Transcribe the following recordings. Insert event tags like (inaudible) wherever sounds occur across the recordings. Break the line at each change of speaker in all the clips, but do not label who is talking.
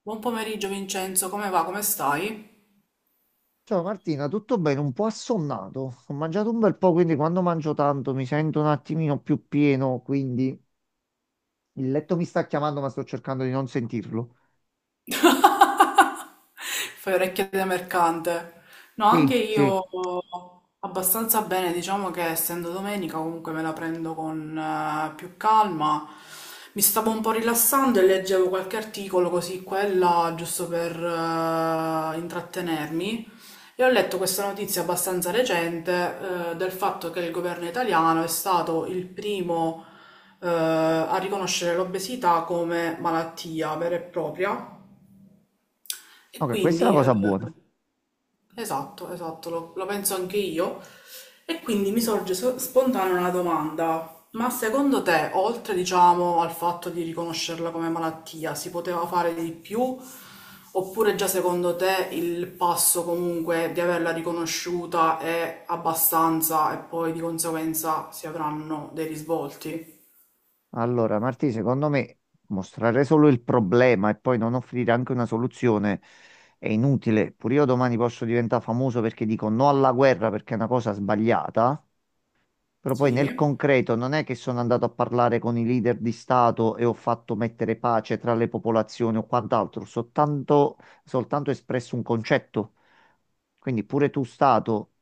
Buon pomeriggio Vincenzo, come va? Come stai?
Ciao Martina, tutto bene? Un po' assonnato. Ho mangiato un bel po', quindi quando mangio tanto mi sento un attimino più pieno, quindi il letto mi sta chiamando, ma sto cercando di non sentirlo.
(laughs) Fai orecchie da mercante. No,
Sì,
anche
sì.
io abbastanza bene, diciamo che essendo domenica comunque me la prendo con più calma. Mi stavo un po' rilassando e leggevo qualche articolo così quella, giusto per intrattenermi. E ho letto questa notizia abbastanza recente, del fatto che il governo italiano è stato il primo a riconoscere l'obesità come malattia vera e propria e
Ok, questa è
quindi,
una
eh,
cosa buona.
esatto, esatto, lo penso anche io. E quindi mi sorge spontanea una domanda. Ma secondo te, oltre, diciamo, al fatto di riconoscerla come malattia, si poteva fare di più? Oppure già secondo te il passo comunque di averla riconosciuta è abbastanza e poi di conseguenza si avranno dei risvolti?
Allora, Martina, secondo me mostrare solo il problema e poi non offrire anche una soluzione è inutile. Pure io domani posso diventare famoso perché dico no alla guerra perché è una cosa sbagliata. Però poi
Sì.
nel concreto non è che sono andato a parlare con i leader di Stato e ho fatto mettere pace tra le popolazioni o quant'altro, soltanto espresso un concetto. Quindi pure tu, Stato,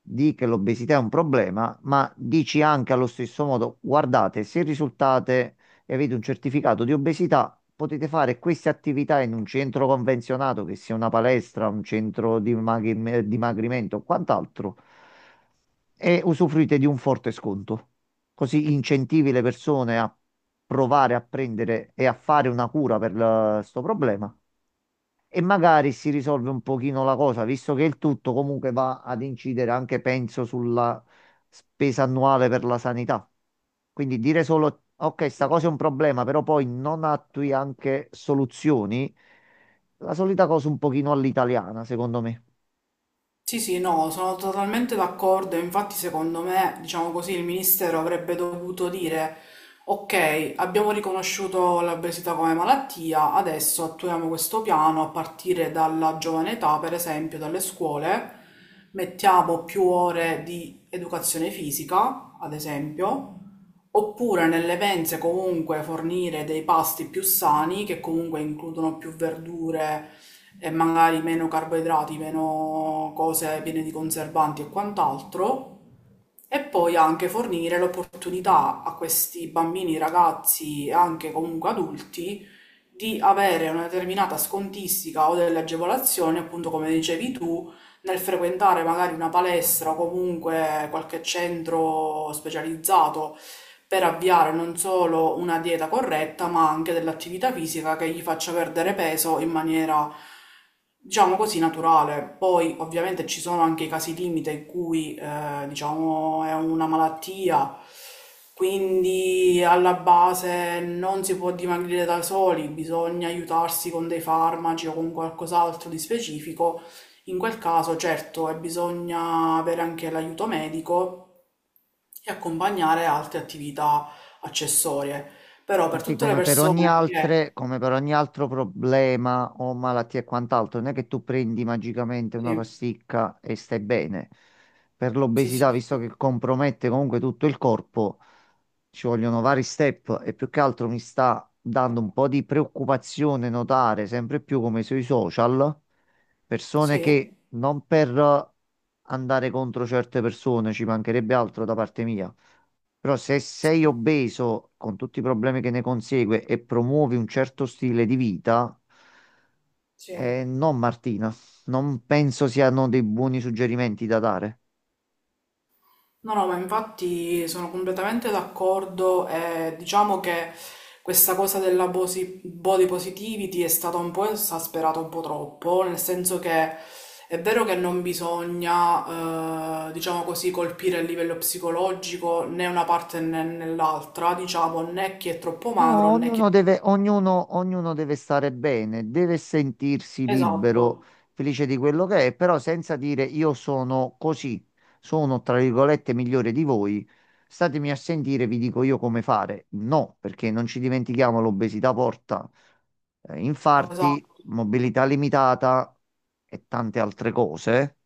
di che l'obesità è un problema, ma dici anche allo stesso modo, guardate, se risultate e avete un certificato di obesità, potete fare queste attività in un centro convenzionato, che sia una palestra, un centro di dimagrimento o quant'altro, e usufruite di un forte sconto. Così incentivi le persone a provare a prendere e a fare una cura per questo problema e magari si risolve un pochino la cosa, visto che il tutto comunque va ad incidere anche, penso, sulla spesa annuale per la sanità. Quindi dire solo, ok, sta cosa è un problema, però poi non attui anche soluzioni, la solita cosa un pochino all'italiana, secondo me.
Sì, sì, no, sono totalmente d'accordo. Infatti, secondo me, diciamo così, il ministero avrebbe dovuto dire: ok, abbiamo riconosciuto l'obesità come malattia, adesso attuiamo questo piano a partire dalla giovane età, per esempio, dalle scuole. Mettiamo più ore di educazione fisica, ad esempio, oppure nelle mense comunque fornire dei pasti più sani che comunque includono più verdure e magari meno carboidrati, meno cose piene di conservanti e quant'altro. E poi anche fornire l'opportunità a questi bambini, ragazzi e anche comunque adulti di avere una determinata scontistica o delle agevolazioni, appunto come dicevi tu, nel frequentare magari una palestra o comunque qualche centro specializzato per avviare non solo una dieta corretta, ma anche dell'attività fisica che gli faccia perdere peso in maniera, diciamo così, naturale. Poi ovviamente ci sono anche i casi limite in cui, diciamo, è una malattia, quindi alla base non si può dimagrire da soli, bisogna aiutarsi con dei farmaci o con qualcos'altro di specifico. In quel caso, certo, e bisogna avere anche l'aiuto medico e accompagnare altre attività accessorie. Però per
Marti,
tutte le persone che...
come per ogni altro problema o malattia e quant'altro, non è che tu prendi magicamente
Sì,
una pasticca e stai bene. Per
sì, sì,
l'obesità,
sì,
visto che compromette comunque tutto il corpo, ci vogliono vari step e più che altro mi sta dando un po' di preoccupazione notare sempre più come sui social persone
sì,
che non per andare contro certe persone, ci mancherebbe altro da parte mia. Però se sei
sì,
obeso, con tutti i problemi che ne consegue, e promuovi un certo stile di vita,
sì.
no, Martina, non penso siano dei buoni suggerimenti da dare.
No, no, ma infatti sono completamente d'accordo e diciamo che questa cosa della body positivity è stata un po' esasperata un po' troppo, nel senso che è vero che non bisogna, diciamo così, colpire a livello psicologico né una parte né nell'altra, diciamo, né chi è troppo magro
No,
né chi è troppo...
ognuno deve stare bene, deve sentirsi
Esatto,
libero, felice di quello che è, però senza dire io sono così, sono tra virgolette migliore di voi, statemi a sentire, vi dico io come fare. No, perché non ci dimentichiamo, l'obesità porta infarti,
esatto.
mobilità limitata e tante altre cose.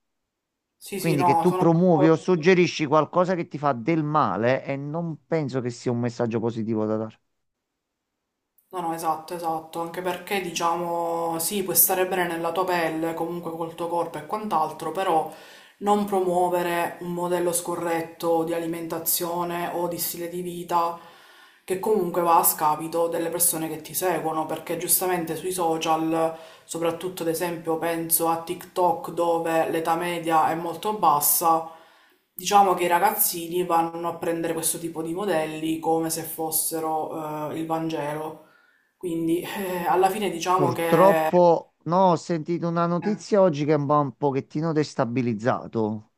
Sì, sì,
Quindi che
no,
tu
sono
promuovi o
d'accordo.
suggerisci qualcosa che ti fa del male e non penso che sia un messaggio positivo da dare.
No, no, esatto, esatto, anche perché diciamo sì, puoi stare bene nella tua pelle, comunque col tuo corpo e quant'altro, però non promuovere un modello scorretto di alimentazione o di stile di vita che comunque va a scapito delle persone che ti seguono, perché giustamente sui social, soprattutto ad esempio penso a TikTok dove l'età media è molto bassa. Diciamo che i ragazzini vanno a prendere questo tipo di modelli come se fossero il Vangelo. Quindi alla fine diciamo che,
Purtroppo, no, ho sentito una
eh,
notizia oggi che mi ha un pochettino destabilizzato.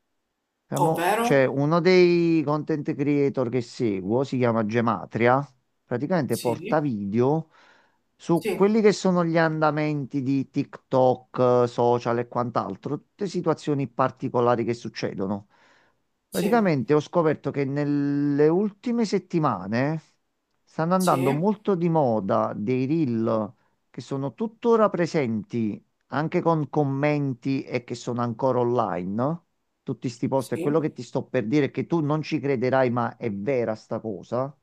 ovvero,
C'è uno dei content creator che seguo, si chiama Gematria, praticamente
sì,
porta video su
sì,
quelli che sono gli andamenti di TikTok, social e quant'altro, tutte situazioni particolari che succedono.
sì,
Praticamente ho scoperto che nelle ultime settimane stanno andando
sì,
molto di moda dei reel che sono tuttora presenti anche con commenti e che sono ancora online tutti sti posti. E quello
sì,
che ti sto per dire è che tu non ci crederai, ma è vera sta cosa.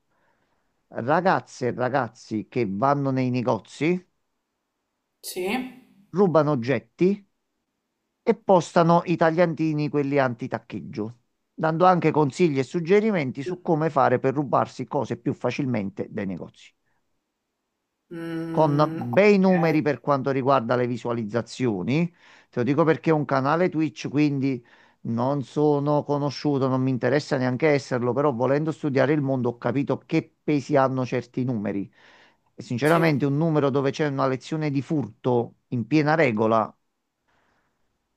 Ragazze e ragazzi che vanno nei negozi,
sì,
rubano oggetti e postano i tagliantini, quelli anti-taccheggio, dando anche consigli e suggerimenti su come fare per rubarsi cose più facilmente dai negozi, con
mm,
bei
ok,
numeri per quanto riguarda le visualizzazioni. Te lo dico perché è un canale Twitch, quindi non sono conosciuto, non mi interessa neanche esserlo, però volendo studiare il mondo ho capito che pesi hanno certi numeri. E
sì,
sinceramente un numero dove c'è una lezione di furto in piena regola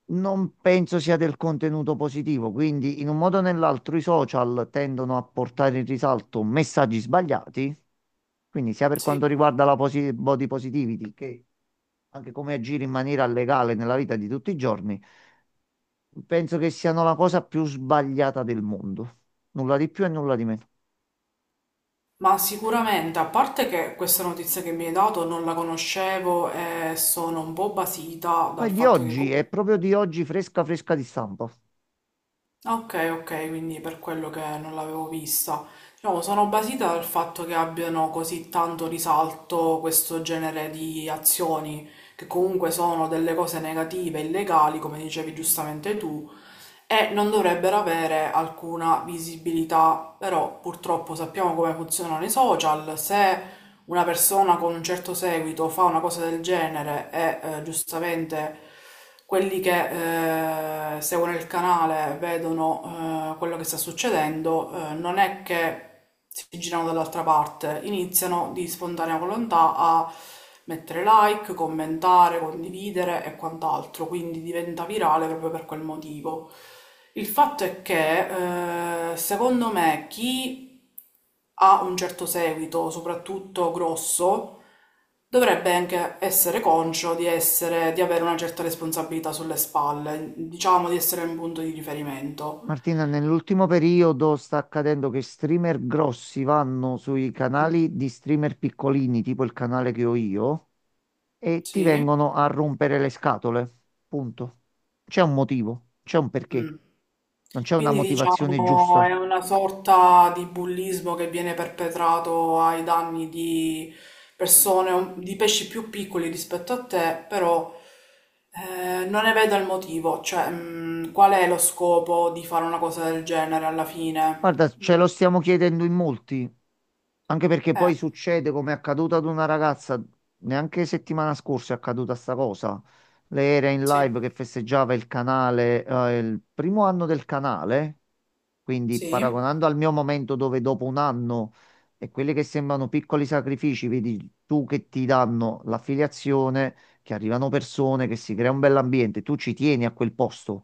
non penso sia del contenuto positivo, quindi in un modo o nell'altro i social tendono a portare in risalto messaggi sbagliati, quindi sia per quanto
sì.
riguarda la body positivity che anche come agire in maniera legale nella vita di tutti i giorni, penso che siano la cosa più sbagliata del mondo. Nulla di più e nulla di meno.
Ma sicuramente, a parte che questa notizia che mi hai dato non la conoscevo e sono un po' basita
Ma
dal
è di
fatto che
oggi,
comunque
è proprio di oggi fresca fresca di stampa.
ok, ok, quindi per quello che non l'avevo vista. Diciamo, sono basita dal fatto che abbiano così tanto risalto questo genere di azioni, che comunque sono delle cose negative, illegali, come dicevi giustamente tu, e non dovrebbero avere alcuna visibilità. Però purtroppo sappiamo come funzionano i social, se una persona con un certo seguito fa una cosa del genere e giustamente quelli che seguono il canale vedono quello che sta succedendo, non è che si girano dall'altra parte, iniziano di spontanea volontà a mettere like, commentare, condividere e quant'altro, quindi diventa virale proprio per quel motivo. Il fatto è che, secondo me, chi ha un certo seguito, soprattutto grosso, dovrebbe anche essere conscio di essere, di avere una certa responsabilità sulle spalle, diciamo di essere un punto di riferimento.
Martina, nell'ultimo periodo sta accadendo che streamer grossi vanno sui
Mm.
canali di streamer piccolini, tipo il canale che ho io, e ti
Sì.
vengono a rompere le scatole. Punto. C'è un motivo, c'è un perché.
Mm.
Non c'è una
Quindi
motivazione
diciamo è
giusta.
una sorta di bullismo che viene perpetrato ai danni di persone, di pesci più piccoli rispetto a te, però non ne vedo il motivo, cioè qual è lo scopo di fare una cosa del genere alla
Guarda,
fine?
ce
Mm,
lo stiamo chiedendo in molti, anche perché
eh,
poi succede come è accaduto ad una ragazza, neanche settimana scorsa è accaduta sta cosa. Lei era in
sì,
live che festeggiava il canale, il primo anno del canale, quindi
sì,
paragonando al mio momento dove dopo un anno e quelli che sembrano piccoli sacrifici, vedi tu che ti danno l'affiliazione, che arrivano persone, che si crea un bell'ambiente, tu ci tieni a quel posto.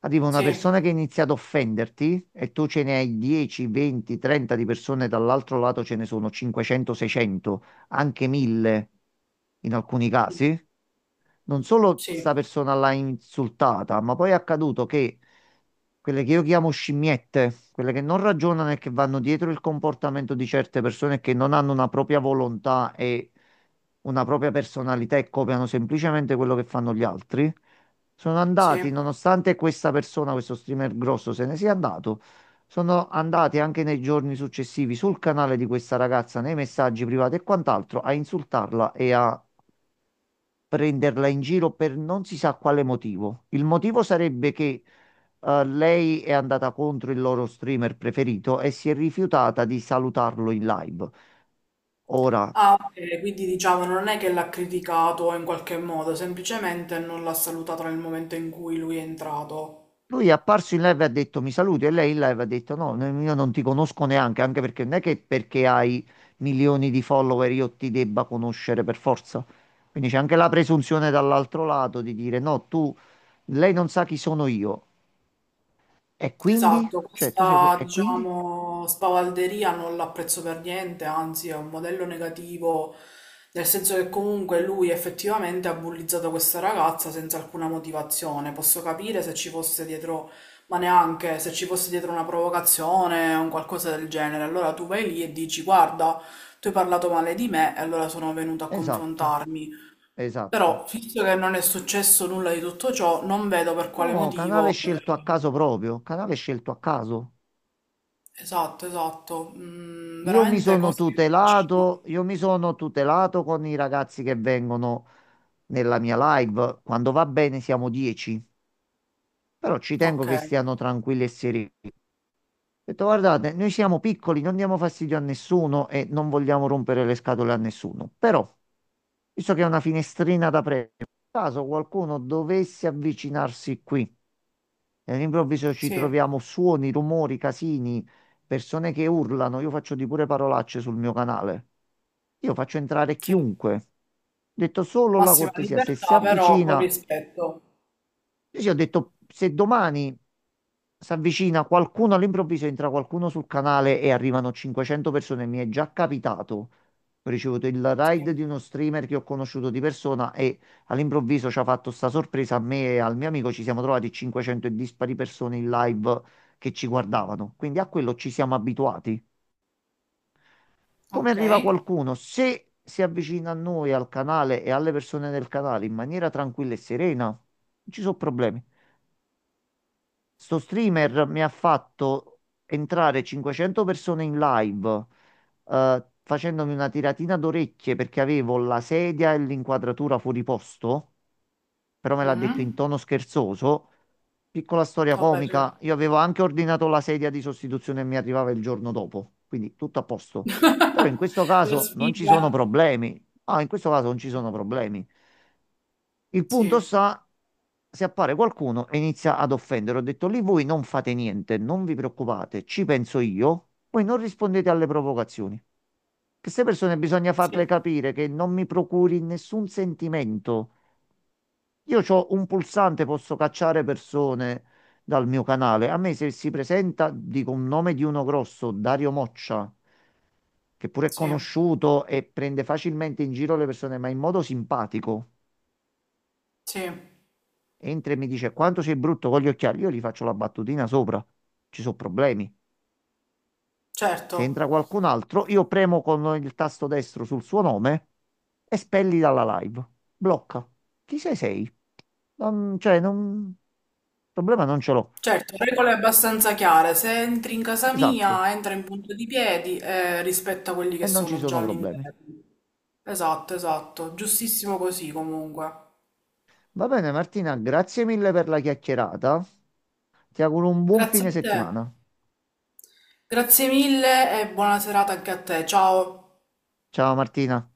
Arriva una
sì,
persona che ha iniziato a offenderti e tu ce ne hai 10, 20, 30 di persone, dall'altro lato ce ne sono 500, 600, anche 1000 in alcuni
mm,
casi, non solo sta
sì,
persona l'ha insultata, ma poi è accaduto che quelle che io chiamo scimmiette, quelle che non ragionano e che vanno dietro il comportamento di certe persone che non hanno una propria volontà e una propria personalità e copiano semplicemente quello che fanno gli altri, sono andati,
sì.
nonostante questa persona, questo streamer grosso, se ne sia andato. Sono andati anche nei giorni successivi sul canale di questa ragazza, nei messaggi privati e quant'altro, a insultarla e a prenderla in giro per non si sa quale motivo. Il motivo sarebbe che lei è andata contro il loro streamer preferito e si è rifiutata di salutarlo in live. Ora,
Ah, ok, quindi diciamo non è che l'ha criticato in qualche modo, semplicemente non l'ha salutato nel momento in cui lui è entrato.
lui è apparso in live e ha detto mi saluti e lei in live ha detto no, io non ti conosco neanche, anche perché non è che perché hai milioni di follower io ti debba conoscere per forza. Quindi c'è anche la presunzione dall'altro lato di dire no, tu, lei non sa chi sono io. E quindi?
Esatto,
Cioè,
questa
E quindi?
diciamo spavalderia non l'apprezzo per niente, anzi è un modello negativo, nel senso che comunque lui effettivamente ha bullizzato questa ragazza senza alcuna motivazione. Posso capire se ci fosse dietro, ma neanche se ci fosse dietro una provocazione o un qualcosa del genere. Allora tu vai lì e dici: guarda, tu hai parlato male di me e allora sono venuto a
Esatto,
confrontarmi.
esatto.
Però, visto che non è successo nulla di tutto ciò, non vedo per quale
No, canale
motivo.
scelto a caso proprio, canale scelto a caso.
Esatto, esatto. Mm, veramente cose che vi lasciano.
Io mi sono tutelato con i ragazzi che vengono nella mia live. Quando va bene siamo 10, però ci tengo
Ok,
che stiano tranquilli e sereni. Ho detto, guardate, noi siamo piccoli, non diamo fastidio a nessuno e non vogliamo rompere le scatole a nessuno. Però, visto che è una finestrina da premio, caso qualcuno dovesse avvicinarsi qui e all'improvviso ci
sì,
troviamo suoni, rumori, casini, persone che urlano. Io faccio di pure parolacce sul mio canale. Io faccio entrare
sì.
chiunque. Ho detto solo la
Massima
cortesia, se si
libertà, però con
avvicina
rispetto.
ho detto, se domani si avvicina qualcuno all'improvviso, entra qualcuno sul canale e arrivano 500 persone, mi è già capitato. Ho ricevuto il ride
Sì.
di uno streamer che ho conosciuto di persona e all'improvviso ci ha fatto sta sorpresa a me e al mio amico. Ci siamo trovati 500 e dispari persone in live che ci guardavano. Quindi a quello ci siamo abituati. Come
Ok.
arriva qualcuno? Se si avvicina a noi, al canale e alle persone del canale in maniera tranquilla e serena, non ci sono problemi. Sto streamer mi ha fatto entrare 500 persone in live, facendomi una tiratina d'orecchie perché avevo la sedia e l'inquadratura fuori posto, però me l'ha detto in
Mhm.
tono scherzoso. Piccola storia
Vabbè,
comica,
certo.
io avevo anche ordinato la sedia di sostituzione e mi arrivava il giorno dopo, quindi tutto a posto.
(laughs)
Però in questo
La
caso non ci
sfiga.
sono problemi. Ah, in questo caso non ci sono problemi. Il punto
Sì,
sta, se appare qualcuno e inizia ad offendere, ho detto lì voi non fate niente, non vi preoccupate, ci penso io, voi non rispondete alle provocazioni. Che queste persone bisogna farle
sì,
capire che non mi procuri nessun sentimento. Io ho un pulsante, posso cacciare persone dal mio canale. A me se si presenta, dico un nome di uno grosso, Dario Moccia, che pure è
sì,
conosciuto e prende facilmente in giro le persone, ma in modo simpatico,
sì.
entra e mi dice quanto sei brutto con gli occhiali, io gli faccio la battutina sopra, ci sono problemi.
Certo.
Se entra qualcun altro, io premo con il tasto destro sul suo nome e spelli dalla live. Blocca. Chi sei sei? Non, cioè, non... problema non ce l'ho.
Certo, regole abbastanza chiare. Se entri in casa
Esatto.
mia, entra in punta di piedi e rispetta quelli
E
che
non ci
sono già
sono problemi.
all'interno. Esatto, esatto. Giustissimo così comunque.
Va bene, Martina, grazie mille per la chiacchierata. Ti auguro un buon
Grazie
fine
a te,
settimana.
grazie mille e buona serata anche a te, ciao.
Ciao Martina.